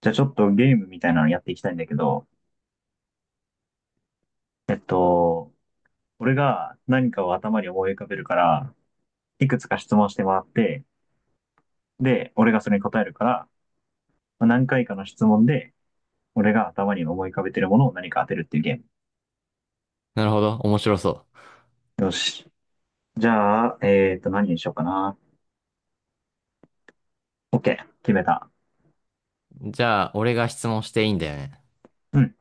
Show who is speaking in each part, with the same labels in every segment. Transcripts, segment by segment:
Speaker 1: じゃあちょっとゲームみたいなのやっていきたいんだけど、えっと、俺が何かを頭に思い浮かべるから、いくつか質問してもらって、で、俺がそれに答えるから、まあ何回かの質問で、俺が頭に思い浮かべてるものを何か当てるっていうゲー
Speaker 2: なるほど。面白そ
Speaker 1: ム。よし。じゃあ、何にしようかな。OK。決めた。
Speaker 2: う。じゃあ、俺が質問していいんだよね。
Speaker 1: うん。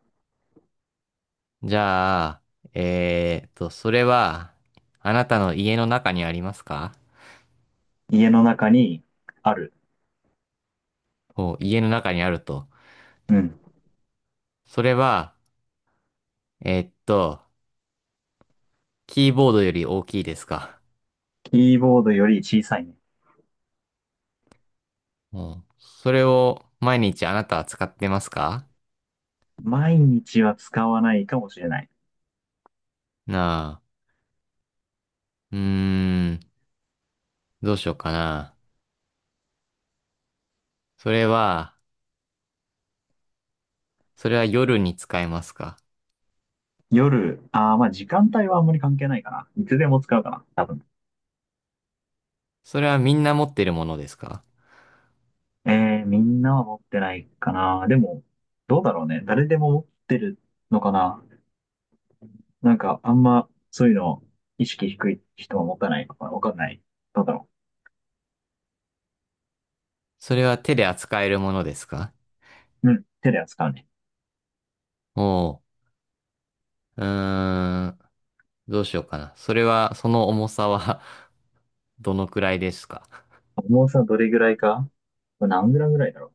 Speaker 2: じゃあ、それは、あなたの家の中にありますか？
Speaker 1: 家の中にある。
Speaker 2: お、家の中にあると。
Speaker 1: うん。
Speaker 2: それは、えーっと、キーボードより大きいですか？
Speaker 1: キーボードより小さいね。
Speaker 2: お、それを毎日あなたは使ってますか？
Speaker 1: 毎日は使わないかもしれない。
Speaker 2: なあ、うーん、どうしようかな。それは、それは夜に使えますか？
Speaker 1: 夜、ああ、まあ時間帯はあんまり関係ないかな。いつでも使うかな。多分。
Speaker 2: それはみんな持ってるものですか？
Speaker 1: えみんなは持ってないかな。でも、どうだろうね。誰でも持ってるのかな。なんか、あんま、そういうの、意識低い人は持たないのかな。わかんない。どうだろ
Speaker 2: それは手で扱えるものですか？
Speaker 1: う。うん。手で扱うね。
Speaker 2: お、うーん。どうしようかな。それは、その重さは どのくらいですか？
Speaker 1: 重さどれぐらいか、これ何グラムぐらいだろう。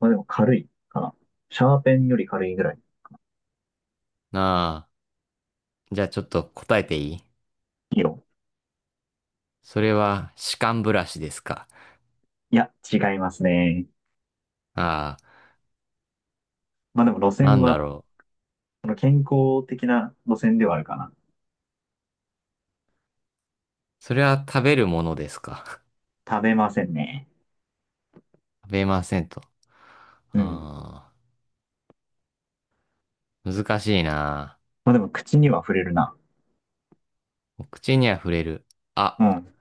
Speaker 1: まあでも軽いかな。シャーペンより軽いぐらい。
Speaker 2: ああ。じゃあちょっと答えていい？
Speaker 1: 色い
Speaker 2: それは、歯間ブラシですか？
Speaker 1: いや、違いますね。
Speaker 2: ああ。
Speaker 1: まあでも路線
Speaker 2: なんだ
Speaker 1: は、
Speaker 2: ろ
Speaker 1: その健康的な路線ではあるかな。
Speaker 2: う。それは食べるものですか？
Speaker 1: 食べませんね。
Speaker 2: 食べませんと。
Speaker 1: うん。
Speaker 2: ああ。難しいな。
Speaker 1: まあでも口には触れるな。
Speaker 2: 口には触れる。あ、
Speaker 1: うん。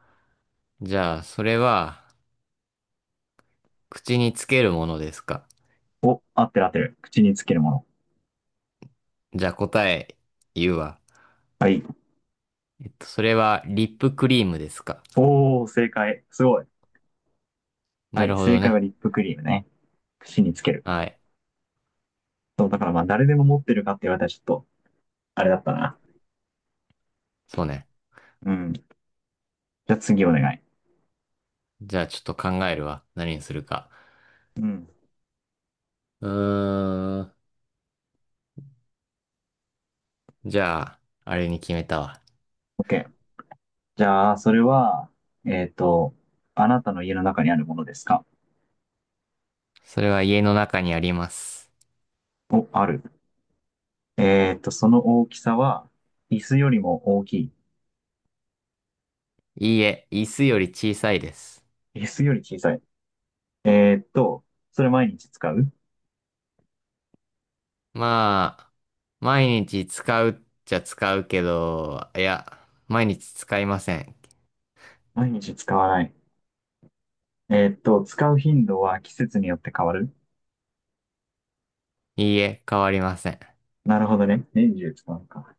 Speaker 2: じゃあ、それは、口につけるものですか？
Speaker 1: お、合ってる合ってる。口につけるもの。
Speaker 2: じゃあ答え言うわ。
Speaker 1: はい。
Speaker 2: それは、リップクリームですか？
Speaker 1: おー、正解。すごい。は
Speaker 2: な
Speaker 1: い。
Speaker 2: るほ
Speaker 1: 正
Speaker 2: ど
Speaker 1: 解は
Speaker 2: ね。
Speaker 1: リップクリームね。口につける。
Speaker 2: はい。
Speaker 1: そう、だからまあ、誰でも持ってるかって言われたらちょっと、あれだったな。
Speaker 2: そうね。
Speaker 1: うん。じゃあ次お願い。
Speaker 2: じゃあちょっと考えるわ。何にするか。
Speaker 1: うん。
Speaker 2: うーん。じゃあ、あれに決めたわ。
Speaker 1: OK。じゃあ、それは、えっと、あなたの家の中にあるものですか？
Speaker 2: それは家の中にあります。
Speaker 1: お、ある。その大きさは、椅子よりも大きい？
Speaker 2: いいえ、椅子より小さいです。
Speaker 1: 椅子より小さい。えっと、それ毎日使う？
Speaker 2: まあ、毎日使うっちゃ使うけど、いや、毎日使いません。
Speaker 1: 毎日使わない。使う頻度は季節によって変わる？
Speaker 2: いいえ、変わりません。
Speaker 1: なるほどね。年中使うか。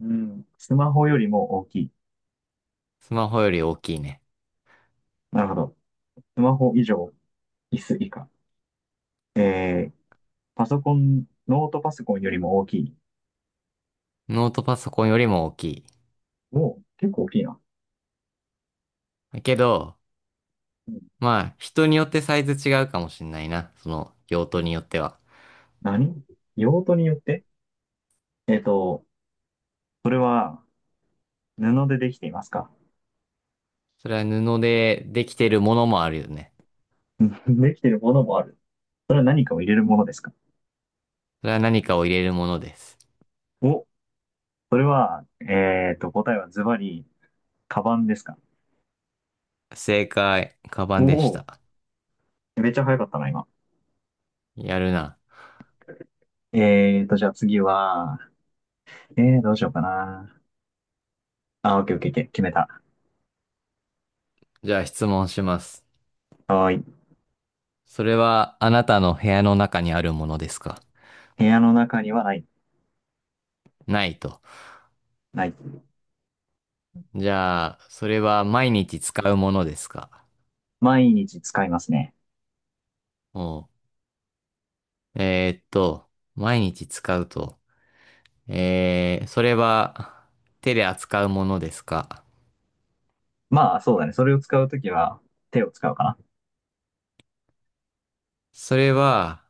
Speaker 1: うん。スマホよりも大きい？
Speaker 2: スマホより大きいね。
Speaker 1: なるほど。スマホ以上、椅子以下。えー、パソコン、ノートパソコンよりも大きい？
Speaker 2: ノートパソコンよりも大きい。
Speaker 1: もう、結構大きいな。
Speaker 2: だけど、
Speaker 1: うん。
Speaker 2: まあ、人によってサイズ違うかもしんないな。その用途によっては。
Speaker 1: 何？用途によって？えっと、それは布でできていますか？
Speaker 2: それは布でできてるものもあるよね。
Speaker 1: うん できているものもある。それは何かを入れるものですか？
Speaker 2: それは何かを入れるものです。
Speaker 1: お、それは、答えはズバリ、カバンですか？
Speaker 2: 正解、カバ
Speaker 1: お。
Speaker 2: ンでし
Speaker 1: お
Speaker 2: た。
Speaker 1: ー、めっちゃ早かったな、今。
Speaker 2: やるな。
Speaker 1: じゃあ次は、どうしようかな。あ、オッケーオッケーオッケー、決めた。
Speaker 2: じゃあ質問します。
Speaker 1: はーい。
Speaker 2: それはあなたの部屋の中にあるものですか？
Speaker 1: 部屋の中にはない、
Speaker 2: ないと。
Speaker 1: ない。
Speaker 2: じゃあ、それは毎日使うものですか？
Speaker 1: 毎日使いますね。
Speaker 2: おう。えーっと、毎日使うと。えー、それは手で扱うものですか？
Speaker 1: まあ、そうだね。それを使うときは手を使うかな。
Speaker 2: それは、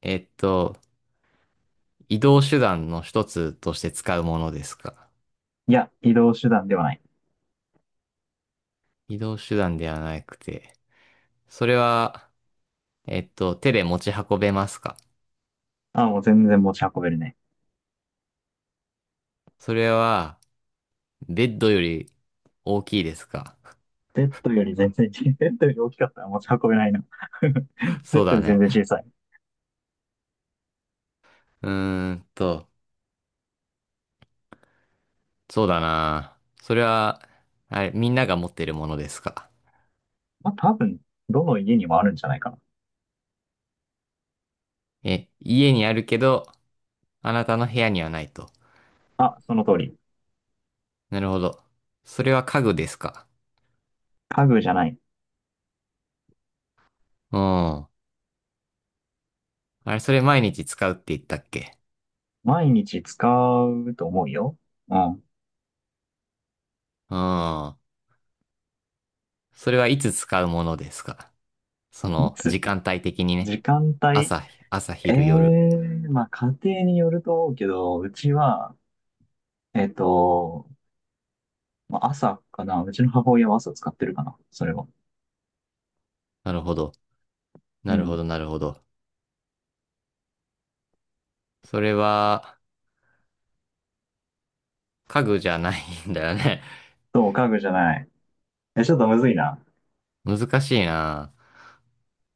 Speaker 2: えっと、移動手段の一つとして使うものですか？
Speaker 1: いや、移動手段ではない。
Speaker 2: 移動手段ではなくて、それは、手で持ち運べますか？
Speaker 1: あ、もう全然持ち運べるね。
Speaker 2: それは、ベッドより大きいですか？
Speaker 1: ベッドより全然、ベッドより大きかったら持ち運べないな。ベ
Speaker 2: そう
Speaker 1: ッドよ
Speaker 2: だ
Speaker 1: り全
Speaker 2: ね。
Speaker 1: 然小さい。
Speaker 2: うーんと、そうだな。それは、あれ、みんなが持ってるものですか？
Speaker 1: まあ、多分、どの家にもあるんじゃないかな。
Speaker 2: え、家にあるけど、あなたの部屋にはないと。
Speaker 1: あ、その通り。
Speaker 2: なるほど。それは家具ですか？
Speaker 1: 家具じゃない。
Speaker 2: うん。あれ、それ毎日使うって言ったっけ？
Speaker 1: 毎日使うと思うよ。うん。
Speaker 2: うん。それはいつ使うものですか？そ
Speaker 1: い
Speaker 2: の、
Speaker 1: つ？
Speaker 2: 時間帯的にね。
Speaker 1: 時間帯？
Speaker 2: 朝、朝、
Speaker 1: ええ
Speaker 2: 昼、夜。
Speaker 1: ー、まあ、家庭によると思うけど、うちは、えっと、まあ朝かな。うちの母親は朝使ってるかな。それは。
Speaker 2: なるほど。
Speaker 1: う
Speaker 2: なるほ
Speaker 1: ん。
Speaker 2: ど、なるほど。それは、家具じゃないんだよね。
Speaker 1: そう、家具じゃない。え、ちょっとむずいな。
Speaker 2: 難しいな。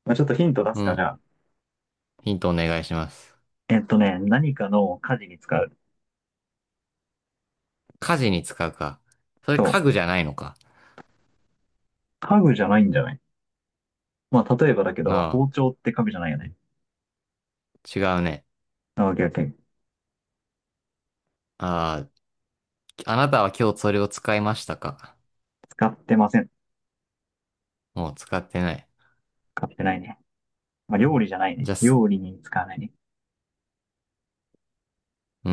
Speaker 1: まあ、ちょっとヒント出
Speaker 2: う
Speaker 1: すか、じ
Speaker 2: ん。
Speaker 1: ゃあ。
Speaker 2: ヒントお願いします。
Speaker 1: 何かの家事に使う。
Speaker 2: 家事に使うか。それ
Speaker 1: そ
Speaker 2: 家
Speaker 1: う。
Speaker 2: 具じゃないのか。
Speaker 1: 家具じゃないんじゃない？まあ、例えばだけど、
Speaker 2: な
Speaker 1: 包丁って家具じゃないよね。
Speaker 2: あ、違うね。
Speaker 1: あオッケーオッケー。
Speaker 2: ああ、あなたは今日それを使いましたか。
Speaker 1: 使ってません。
Speaker 2: もう使ってない。
Speaker 1: 使ってないね。まあ、
Speaker 2: う
Speaker 1: 料理
Speaker 2: ん、
Speaker 1: じゃないね。
Speaker 2: じゃあ、す、
Speaker 1: 料理に使わないね。
Speaker 2: うー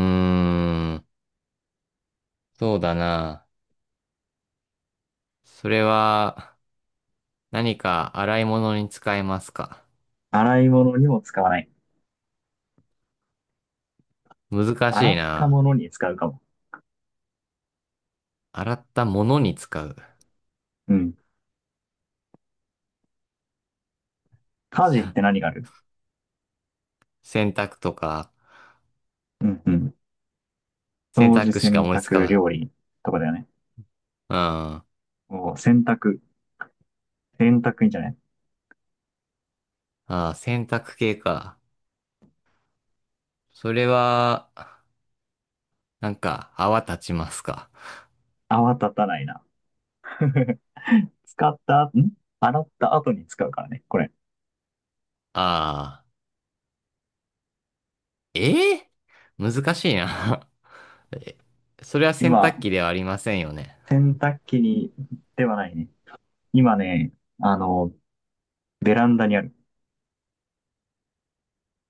Speaker 2: ん。そうだな。それは、何か洗い物に使えますか。
Speaker 1: 洗い物にも使わない。
Speaker 2: 難
Speaker 1: 洗
Speaker 2: しい
Speaker 1: った
Speaker 2: な。
Speaker 1: ものに使うかも。
Speaker 2: 洗ったものに使う。
Speaker 1: うん。家事って 何がある？
Speaker 2: 洗濯とか、
Speaker 1: うんうん。
Speaker 2: 洗
Speaker 1: 掃除、
Speaker 2: 濯
Speaker 1: 洗
Speaker 2: しか思いつか
Speaker 1: 濯、
Speaker 2: ない。
Speaker 1: 料理とかだよね。
Speaker 2: あ
Speaker 1: もう洗濯。洗濯いいんじゃない？
Speaker 2: あー、洗濯系か。それは、なんか、泡立ちますか。
Speaker 1: 泡立たないな。使った後、洗った後に使うからね、これ。
Speaker 2: ああ、えー、難しいな。え、それは洗濯
Speaker 1: 今、
Speaker 2: 機ではありませんよね。
Speaker 1: 洗濯機に、ではないね。今ね、あの、ベランダにある。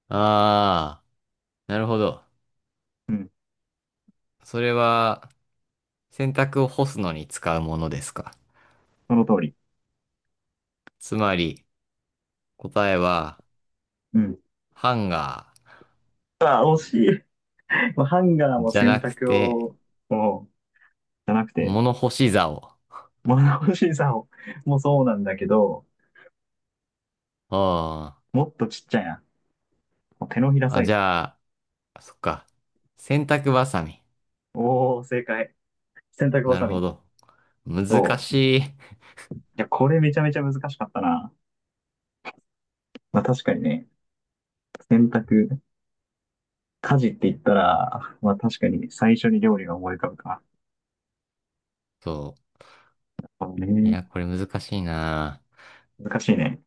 Speaker 2: ああ、なるほど。
Speaker 1: うん、
Speaker 2: それは、洗濯を干すのに使うものですか。
Speaker 1: その通り。
Speaker 2: つまり、答えは、
Speaker 1: うん。
Speaker 2: ハンガ
Speaker 1: あ、惜しい。もうハンガー
Speaker 2: ー
Speaker 1: も
Speaker 2: じゃ
Speaker 1: 洗
Speaker 2: なく
Speaker 1: 濯
Speaker 2: て、
Speaker 1: を、もう、じゃなくて、
Speaker 2: 物干し竿。
Speaker 1: 物干しさを、もうそうなんだけど、
Speaker 2: あ
Speaker 1: もっとちっちゃいな。もう手のひら
Speaker 2: あ、
Speaker 1: サ
Speaker 2: あ、
Speaker 1: イ
Speaker 2: じ
Speaker 1: ズ。
Speaker 2: ゃあ、そっか。洗濯バサミ。
Speaker 1: おー、正解。洗濯バ
Speaker 2: なる
Speaker 1: サ
Speaker 2: ほ
Speaker 1: ミ。
Speaker 2: ど。難
Speaker 1: そう。い
Speaker 2: しい。
Speaker 1: や、これめちゃめちゃ難しかったな。まあ確かにね、洗濯家事って言ったら、まあ確かに最初に料理が思い浮かぶか。
Speaker 2: そ
Speaker 1: そう
Speaker 2: う。い
Speaker 1: ね。
Speaker 2: や、これ難しいな。
Speaker 1: 難しいね。